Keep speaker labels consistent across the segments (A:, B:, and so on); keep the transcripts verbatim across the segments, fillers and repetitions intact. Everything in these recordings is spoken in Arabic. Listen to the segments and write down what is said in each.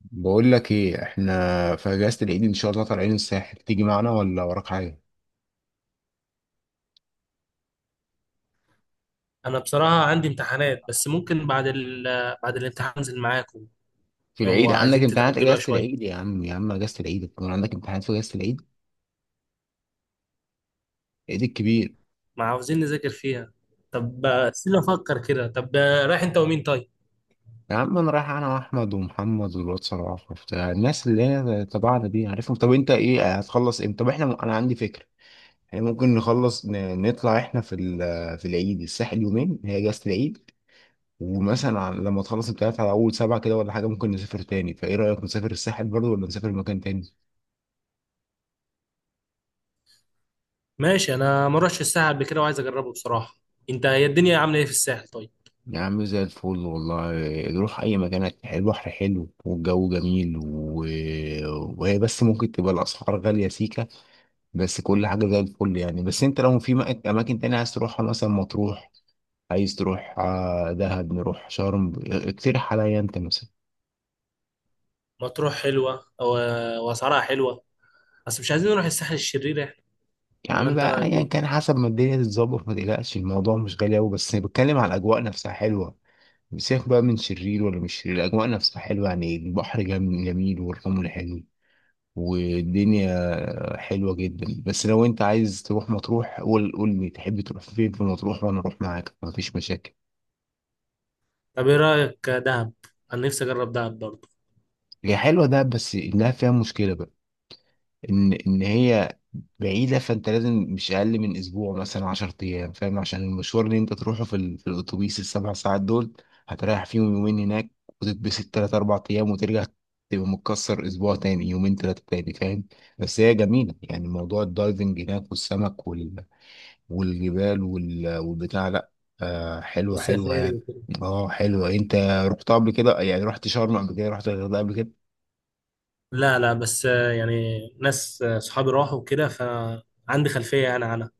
A: بقول لك ايه، احنا في اجازه العيد ان شاء الله طالعين الساحل. تيجي معنا ولا وراك حاجه؟
B: انا بصراحه عندي امتحانات بس ممكن بعد ال... بعد الامتحان انزل معاكم.
A: في
B: لو
A: العيد عندك
B: عايزين
A: امتحانات؟
B: تتاجلوها
A: اجازه
B: شويه،
A: العيد يا عم، يا عم اجازه العيد يكون عندك امتحانات في اجازه العيد؟ العيد الكبير.
B: ما عاوزين نذاكر فيها. طب استنى افكر كده. طب رايح انت ومين طيب؟
A: يا عم انا رايح انا واحمد ومحمد والواد صلاح وبتاع الناس اللي هي تبعنا دي، عارفهم. طب انت ايه هتخلص امتى؟ طب احنا م... انا عندي فكره. احنا ممكن نخلص ن... نطلع احنا في ال... في العيد الساحل يومين، هي اجازه العيد. ومثلا على- لما تخلص امتحانات على اول سبعه كده ولا حاجه ممكن نسافر تاني. فايه رايك، نسافر الساحل برضه ولا نسافر مكان تاني؟
B: ماشي، انا ما اروحش الساحل قبل كده وعايز اجربه بصراحه. انت هي الدنيا عامله ايه في الساحل طيب؟
A: يا عم زي الفل والله. نروح أي مكان هت- البحر حلو والجو جميل و... وهي بس ممكن تبقى الأسعار غالية سيكة. بس كل حاجة زي الفل يعني. بس أنت لو في مك- أماكن تانية عايز تروحها، مثلا مطروح عايز تروح، آه، دهب نروح، شرم، اقترح عليا أنت مثلا.
B: مطروح حلوه أو... واسعارها حلوه، بس مش عايزين نروح الساحل الشرير احنا.
A: يا
B: ولا
A: عم
B: انت
A: بقى،
B: رايك
A: يعني
B: ايه؟
A: كان حسب ما الدنيا تتظبط. ما تقلقش، الموضوع مش غالي أوي، بس بتكلم على الأجواء نفسها حلوة. سيبك بقى من شرير ولا مش شرير، الأجواء نفسها حلوة يعني. البحر جم- جميل والرمل حلو. والدنيا حلوة جدا. بس لو انت عايز تروح مطروح قول قول لي تحب تروح فين في مطروح وانا اروح معاك مفيش مشاكل.
B: طب ايه رايك دهب؟ انا نفسي اجرب دهب برضه.
A: هي حلوة ده، بس انها فيها مشكلة بقى، ان ان هي بعيدة. فانت لازم مش اقل من اسبوع، مثلا 10 ايام، فاهم؟ عشان المشوار اللي انت تروحه في, ال... في الاتوبيس، السبع ساعات دول هتريح فيهم يومين هناك، وتتبسط تلات اربع ايام وترجع. تبقى متكسر اسبوع تاني يومين تلاتة تاني، فاهم؟ بس هي جميلة يعني، موضوع الدايفنج هناك والسمك وال... والجبال وال- والبتاع، لا آه، حلوة حلوة يعني.
B: والسفاري.
A: اه حلوة. انت رحت قبل كده؟ يعني رحت شرم قبل كده، رحت الغردقة قبل كده؟
B: لا لا بس آه، يعني ناس آه، صحابي راحوا وكده، فعندي خلفية يعني عنها.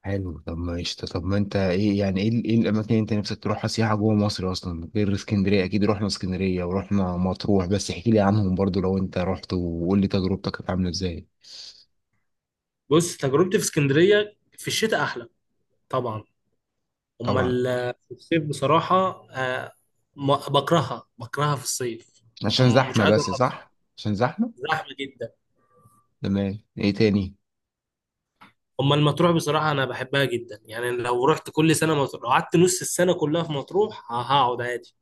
A: حلو طب ماشي. طب ما انت ايه يعني، ايه ال- ايه الاماكن اللي انت نفسك تروحها سياحة جوه مصر اصلا غير اسكندرية؟ اكيد رحنا اسكندرية ورحنا مطروح، بس احكي لي عنهم برضو لو انت رحت، وقول لي تجربتك كانت عاملة ازاي.
B: بص، تجربتي في اسكندرية في الشتاء أحلى طبعا. أما
A: طبعا.
B: ال- في الصيف بصراحة، آه، ما- بكرهها، بكرهها في الصيف.
A: عشان
B: م- مش
A: زحمة
B: عايز
A: بس،
B: أروح،
A: صح عشان زحمة.
B: زحمة جدا.
A: تمام. ايه تاني؟
B: أما المطروح بصراحة أنا بحبها جدا، يعني لو رحت كل سنة مطروح، لو قعدت نص السنة كلها في مطروح، ه- هقعد عادي.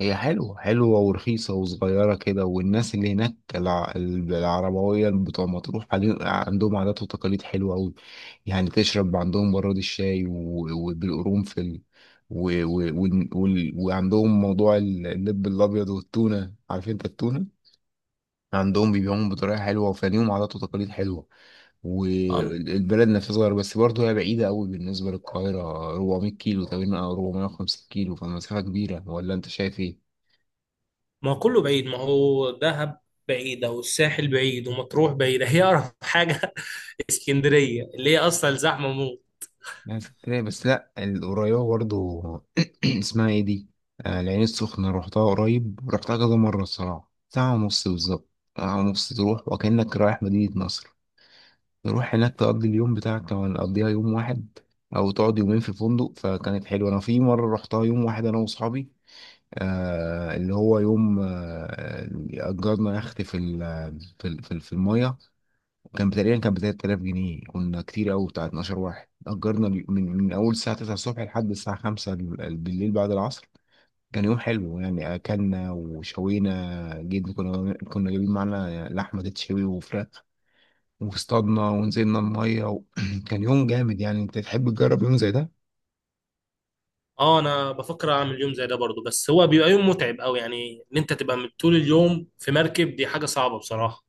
A: هي حلوة حلوة ورخيصة وصغيرة كده، والناس اللي هناك الع- العربوية بتوع مطروح علي- عندهم عادات وتقاليد حلوة أوي. يعني تشرب عندهم براد الشاي و- وبالقرنفل و- و- وال- وال- وعندهم موضوع ال- اللب الأبيض والتونة، عارف أنت التونة؟ عندهم بيبيعوهم بطريقة حلوة، وفنيهم عادات وتقاليد حلوة. والبلد نفسها صغيرة، بس برضه هي بعيدة أوي بالنسبة للقاهرة، 400 كيلو تقريبا أو 450 كيلو، فمسافة كبيرة ولا أنت شايف إيه؟
B: ما هو كله بعيد، ما هو دهب بعيدة والساحل بعيد ومطروح بعيدة، هي أقرب حاجة اسكندرية اللي هي أصلا زحمة موت.
A: ناس كتير، بس لا القريبة برضو اسمها ايه دي؟ آه العين السخنة، روحتها قريب، روحتها كذا مرة، الصراحة ساعة ونص بالظبط. ساعة ونص تروح وكأنك رايح مدينة نصر. تروح هناك تقضي اليوم بتاعك لو هنقضيها يوم واحد، أو تقعد يومين في فندق. فكانت حلوة. أنا في مرة روحتها يوم واحد أنا وأصحابي، آه اللي هو يوم، آه أجرنا يخت في ال- في ال- في ال- في المية. كان تقريبا كان ب تلات آلاف جنيه، كنا كتير قوي بتاع 12 واحد. اجرنا اليو- من من اول الساعه تسعة الصبح لحد الساعه خمسة ال- ال- بالليل بعد العصر. كان يوم حلو يعني، اكلنا وشوينا جدا، كنا كنا جايبين معانا لحمه تتشوي وفراخ، واصطادنا ونزلنا الميه و... كان يوم جامد يعني. انت تحب تجرب يوم زي ده؟
B: اه انا بفكر اعمل يوم زي ده برضو، بس هو بيبقى يوم متعب قوي، يعني ان انت تبقى من طول اليوم في مركب دي حاجة صعبة بصراحة.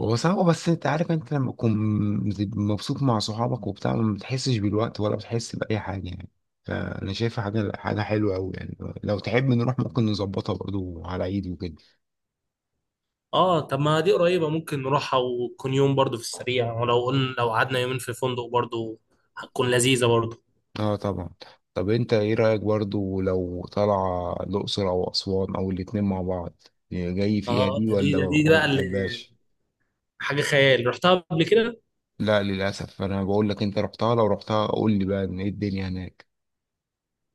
A: هو صعب، بس انت عارف انت لما تكون مبسوط مع صحابك وبتاع ما بتحسش بالوقت ولا بتحس بأي حاجة يعني. فأنا شايفها حاجة حاجة حلوة أوي يعني. لو تحب نروح ممكن نظبطها برضو على عيد وكده.
B: اه طب ما دي قريبة، ممكن نروحها وتكون يوم برضو في السريع، ولو قلنا لو قعدنا يومين في فندق برضو هتكون لذيذة برضو.
A: اه طبعا. طب انت ايه رأيك برضو لو طالعة الأقصر أو أسوان أو الاتنين مع بعض، جاي فيها
B: اه
A: دي
B: ده دي
A: ولا
B: ده دي
A: ولا
B: بقى اللي
A: بتحبهاش؟
B: حاجة خيال، رحتها قبل كده.
A: لا للأسف، أنا بقول لك، انت رحتها؟ لو رحتها قول لي بقى ان ايه الدنيا هناك.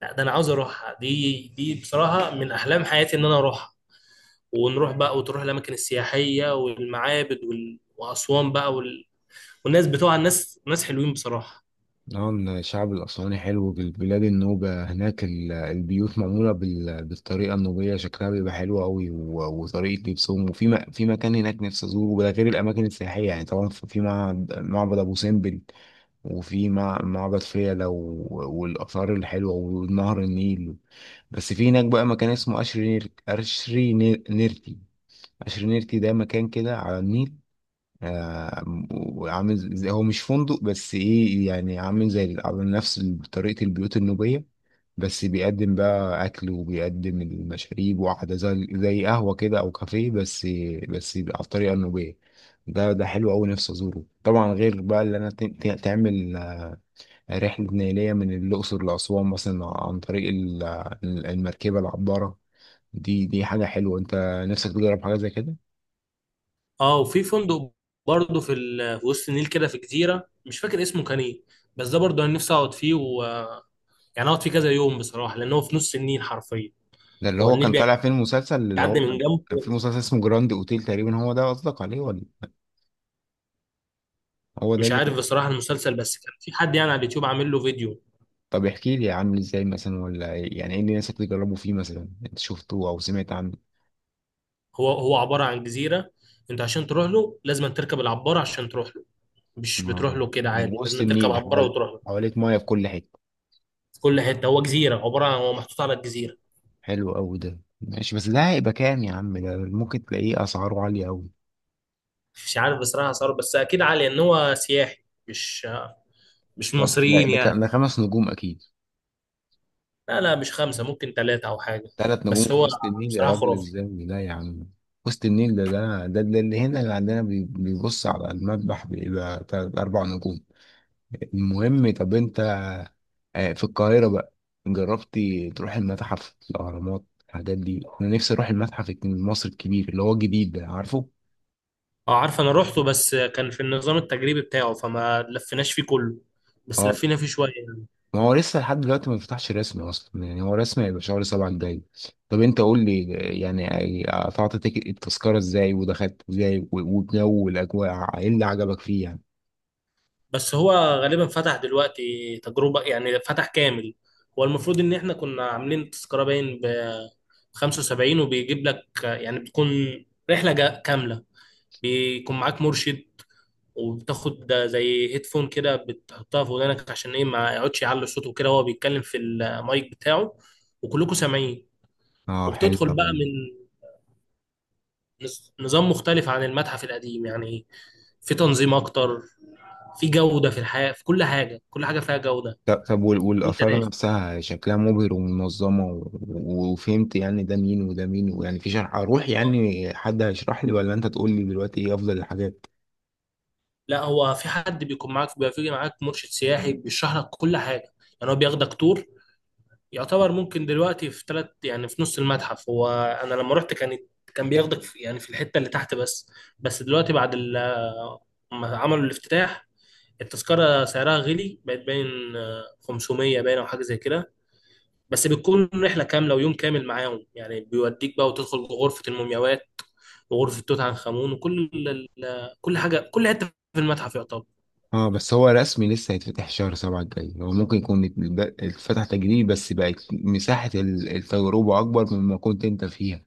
B: لا ده انا عاوز اروحها، دي دي بصراحه من احلام حياتي ان انا اروحها، ونروح بقى وتروح الاماكن السياحيه والمعابد وال... واسوان بقى وال... والناس بتوع الناس ناس حلوين بصراحه.
A: نعم الشعب الأسواني حلو، بالبلاد النوبة هناك ال- البيوت معمولة بال- بالطريقة النوبية، شكلها بيبقى حلو أوي، و- وطريقة لبسهم. وفي م- في مكان هناك نفسي أزوره، ده غير الأماكن السياحية يعني، طبعا في في معبد، معبد أبو سمبل، وفي مع- معبد فيلة و- والآثار الحلوة ونهر النيل. بس في هناك بقى مكان اسمه أشري نير- أشري نير- نيرتي. أشري نيرتي ده مكان كده على النيل، آه، وعامل زي، هو مش فندق، بس ايه يعني، عامل زي على نفس طريقة البيوت النوبية، بس بيقدم بقى أكل وبيقدم المشاريب وقعدة زي زي قهوة كده أو كافيه، بس بس يبقى على الطريقة النوبية. ده ده حلو أوي، نفسي أزوره طبعا، غير بقى اللي أنا ت- ت- تعمل آه، رحلة نيلية من الأقصر لأسوان مثلا عن طريق ال- المركبة، العبارة. دي دي حاجة حلوة، أنت نفسك تجرب حاجة زي كده؟
B: اه وفي فندق برضه في ال... في وسط النيل كده في جزيره، مش فاكر اسمه كان ايه، بس ده برضه انا نفسي اقعد فيه و... يعني اقعد فيه كذا يوم بصراحه، لان هو في نص النيل حرفيا.
A: ده اللي
B: هو
A: هو كان
B: النيل
A: طالع فيه المسلسل اللي
B: بيعدي
A: هو
B: من
A: كان، كان في
B: جنبه.
A: مسلسل اسمه جراند اوتيل تقريبا، هو ده قصدك عليه ولا؟ هو ده
B: مش
A: اللي كان.
B: عارف بصراحه المسلسل، بس كان في حد يعني على اليوتيوب عامل له فيديو.
A: طب احكي لي عامل ازاي مثلا، ولا يعني ايه اللي الناس بتجربوا فيه، مثلا انت شفته او سمعت عنه.
B: هو هو عبارة عن جزيرة، انت عشان تروح له لازم تركب العبارة عشان تروح له، مش بتروح
A: آه.
B: له كده
A: يعني
B: عادي،
A: وسط
B: لازم تركب
A: النيل
B: عبارة
A: حوال
B: وتروح له.
A: حواليك ميه في كل حته.
B: في كل حتة، هو جزيرة عبارة عن هو محطوط على الجزيرة.
A: حلو قوي ده، ماشي. بس ده هيبقى كام يا عم؟ ده ممكن تلاقيه اسعاره عاليه قوي.
B: مش عارف بصراحة صار، بس أكيد عالي إن هو سياحي، مش مش
A: طب ده
B: مصريين
A: ده
B: يعني.
A: كان ده خمس نجوم اكيد؟
B: لا لا مش خمسة، ممكن ثلاثة أو حاجة.
A: ثلاث نجوم
B: بس
A: في
B: هو
A: وسط النيل يا
B: بصراحة
A: راجل
B: خرافي.
A: ازاي؟ لا يا عم. وسط النيل ده ده ده ده اللي هنا اللي عندنا بي- بيبص على المذبح بيبقى تلات أربع نجوم. المهم طب أنت، آه، في القاهرة بقى، جربتي تروح المتحف، الأهرامات، الحاجات دي؟ أنا نفسي أروح المتحف المصري الكبير اللي هو جديد ده، عارفه؟
B: اه عارف، أنا روحته بس كان في النظام التجريبي بتاعه فما لفيناش فيه كله، بس
A: آه.
B: لفينا فيه شوية.
A: ما هو لسه لحد دلوقتي ما بيفتحش رسمي اصلا. يعني هو رسمي هيبقى شهر سبعة الجاي. طب انت قول لي يعني قطعت تيك- التذكرة ازاي ودخلت ازاي و- والجو والاجواء ايه اللي عجبك فيه يعني.
B: بس هو غالبا فتح دلوقتي تجربة، يعني فتح كامل. هو المفروض ان احنا كنا عاملين تذكرة باين ب خمسة وسبعين، وبيجيب لك يعني بتكون رحلة جا- كاملة. بيكون معاك مرشد، وبتاخد زي هيدفون كده بتحطها في ودانك عشان ايه ما يقعدش يعلي صوته كده، وهو بيتكلم في المايك بتاعه وكلكم سامعين.
A: اه حلو
B: وبتدخل بقى
A: أوي.
B: من نز- نظام مختلف عن المتحف القديم يعني، في تنظيم اكتر، في جودة في الحياة، في كل حاجة، كل حاجة فيها جودة.
A: طب طب وال-
B: وانت
A: والاثار
B: داخل،
A: نفسها شكلها مبهر ومنظمة و- و- وفهمت يعني ده مين وده مين؟ ويعني في شرح، اروح يعني حد هيشرح لي ولا انت تقول لي دلوقتي ايه افضل الحاجات.
B: لا، هو في حد بيكون معاك، بيبقى في معاك مرشد سياحي بيشرح لك كل حاجه، يعني هو بياخدك تور يعتبر. ممكن دلوقتي في ثلاث، يعني في نص المتحف هو، انا لما رحت كانت، كان بياخدك في يعني في الحته اللي تحت بس. بس دلوقتي بعد ال- ما عملوا الافتتاح، التذكره سعرها غلي بقت باين آه، خمسمية، باين او حاجه زي كده، بس بتكون رحله كامله ويوم كامل معاهم، يعني بيوديك بقى وتدخل غرفه المومياوات وغرفه توت عنخ امون، وكل ال- ال- كل حاجه، كل حته في المتحف يعتبر.
A: اه، بس هو رسمي لسه هيتفتح شهر سبعة الجاي. هو ممكن يكون ات- ب- اتفتح تجريبي، بس بقت مساحة ال- التجربة أكبر مما كنت أنت فيها،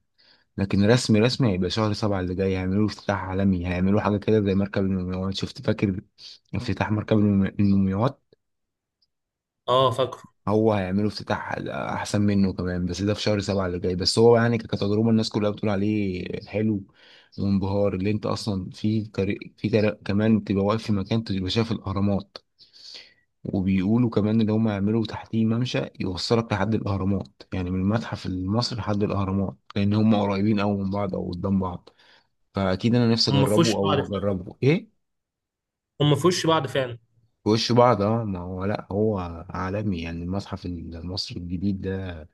A: لكن رسمي رسمي هيبقى شهر سبعة اللي جاي. هيعملوا افتتاح عالمي، هيعملوا حاجة كده زي مركب المومياوات، شفت فاكر افتتاح مركب المومي- المومياوات؟
B: اه فاكره.
A: هو هيعملوا افتتاح احسن منه كمان، بس ده في شهر سبعة اللي جاي. بس هو يعني ك- كتجربة الناس كلها بتقول عليه حلو وانبهار، اللي انت اصلا في طريق في طريق كمان تبقى واقف في مكان تبقى شايف الاهرامات. وبيقولوا كمان ان هم يعملوا تحتيه ممشى يوصلك لحد الاهرامات، يعني من المتحف المصري لحد الاهرامات، لان هم قريبين قوي من بعض او قدام بعض. فاكيد انا نفسي
B: هم في
A: اجربه،
B: وش بعض
A: او
B: فعلا،
A: اجربه ايه.
B: هم في وش بعض فعلا.
A: في وش بعض. اه ما هو، لا هو عالمي يعني، المتحف المصري الجديد ده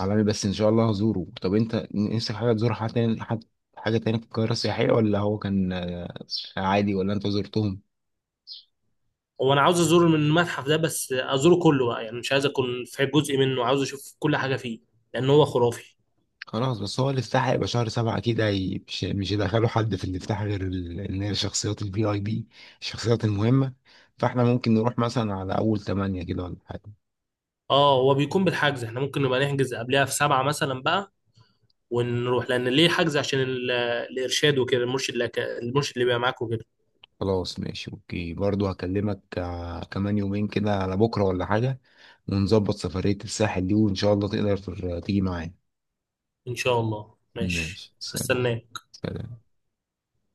A: عالمي. بس ان شاء الله هزوره. طب انت نفسك حاجه تزور حاجه تاني، حاجه حاجة تاني في القاهره السياحيه، ولا هو كان آه، عادي، ولا انت زرتهم؟
B: هو انا عاوز ازور من المتحف ده، بس ازوره كله بقى، يعني مش عايز اكون في جزء منه، عاوز اشوف كل حاجه فيه، لان هو خرافي.
A: خلاص. بس هو الافتتاح هيبقى شهر سبعة أكيد، هي- مش مش هيدخلوا حد في الافتتاح غير ال- إن هي الشخصيات الفي أي بي، الشخصيات المهمة. فاحنا ممكن نروح مثلا على أول تمانية كده ولا حاجة.
B: اه هو بيكون بالحجز، احنا ممكن نبقى نحجز قبلها في سبعة مثلا بقى ونروح، لان ليه حجز عشان ال- الارشاد وكده، المرشد اللي المرشد اللي بيبقى معاك وكده.
A: خلاص ماشي أوكي، برضو هكلمك آه، كمان يومين كده على بكرة ولا حاجة، ونظبط سفرية الساحل دي وإن شاء الله تقدر تر- تيجي معايا.
B: ان شاء الله ماشي.
A: ماشي سلام.
B: هستناك.
A: سلام.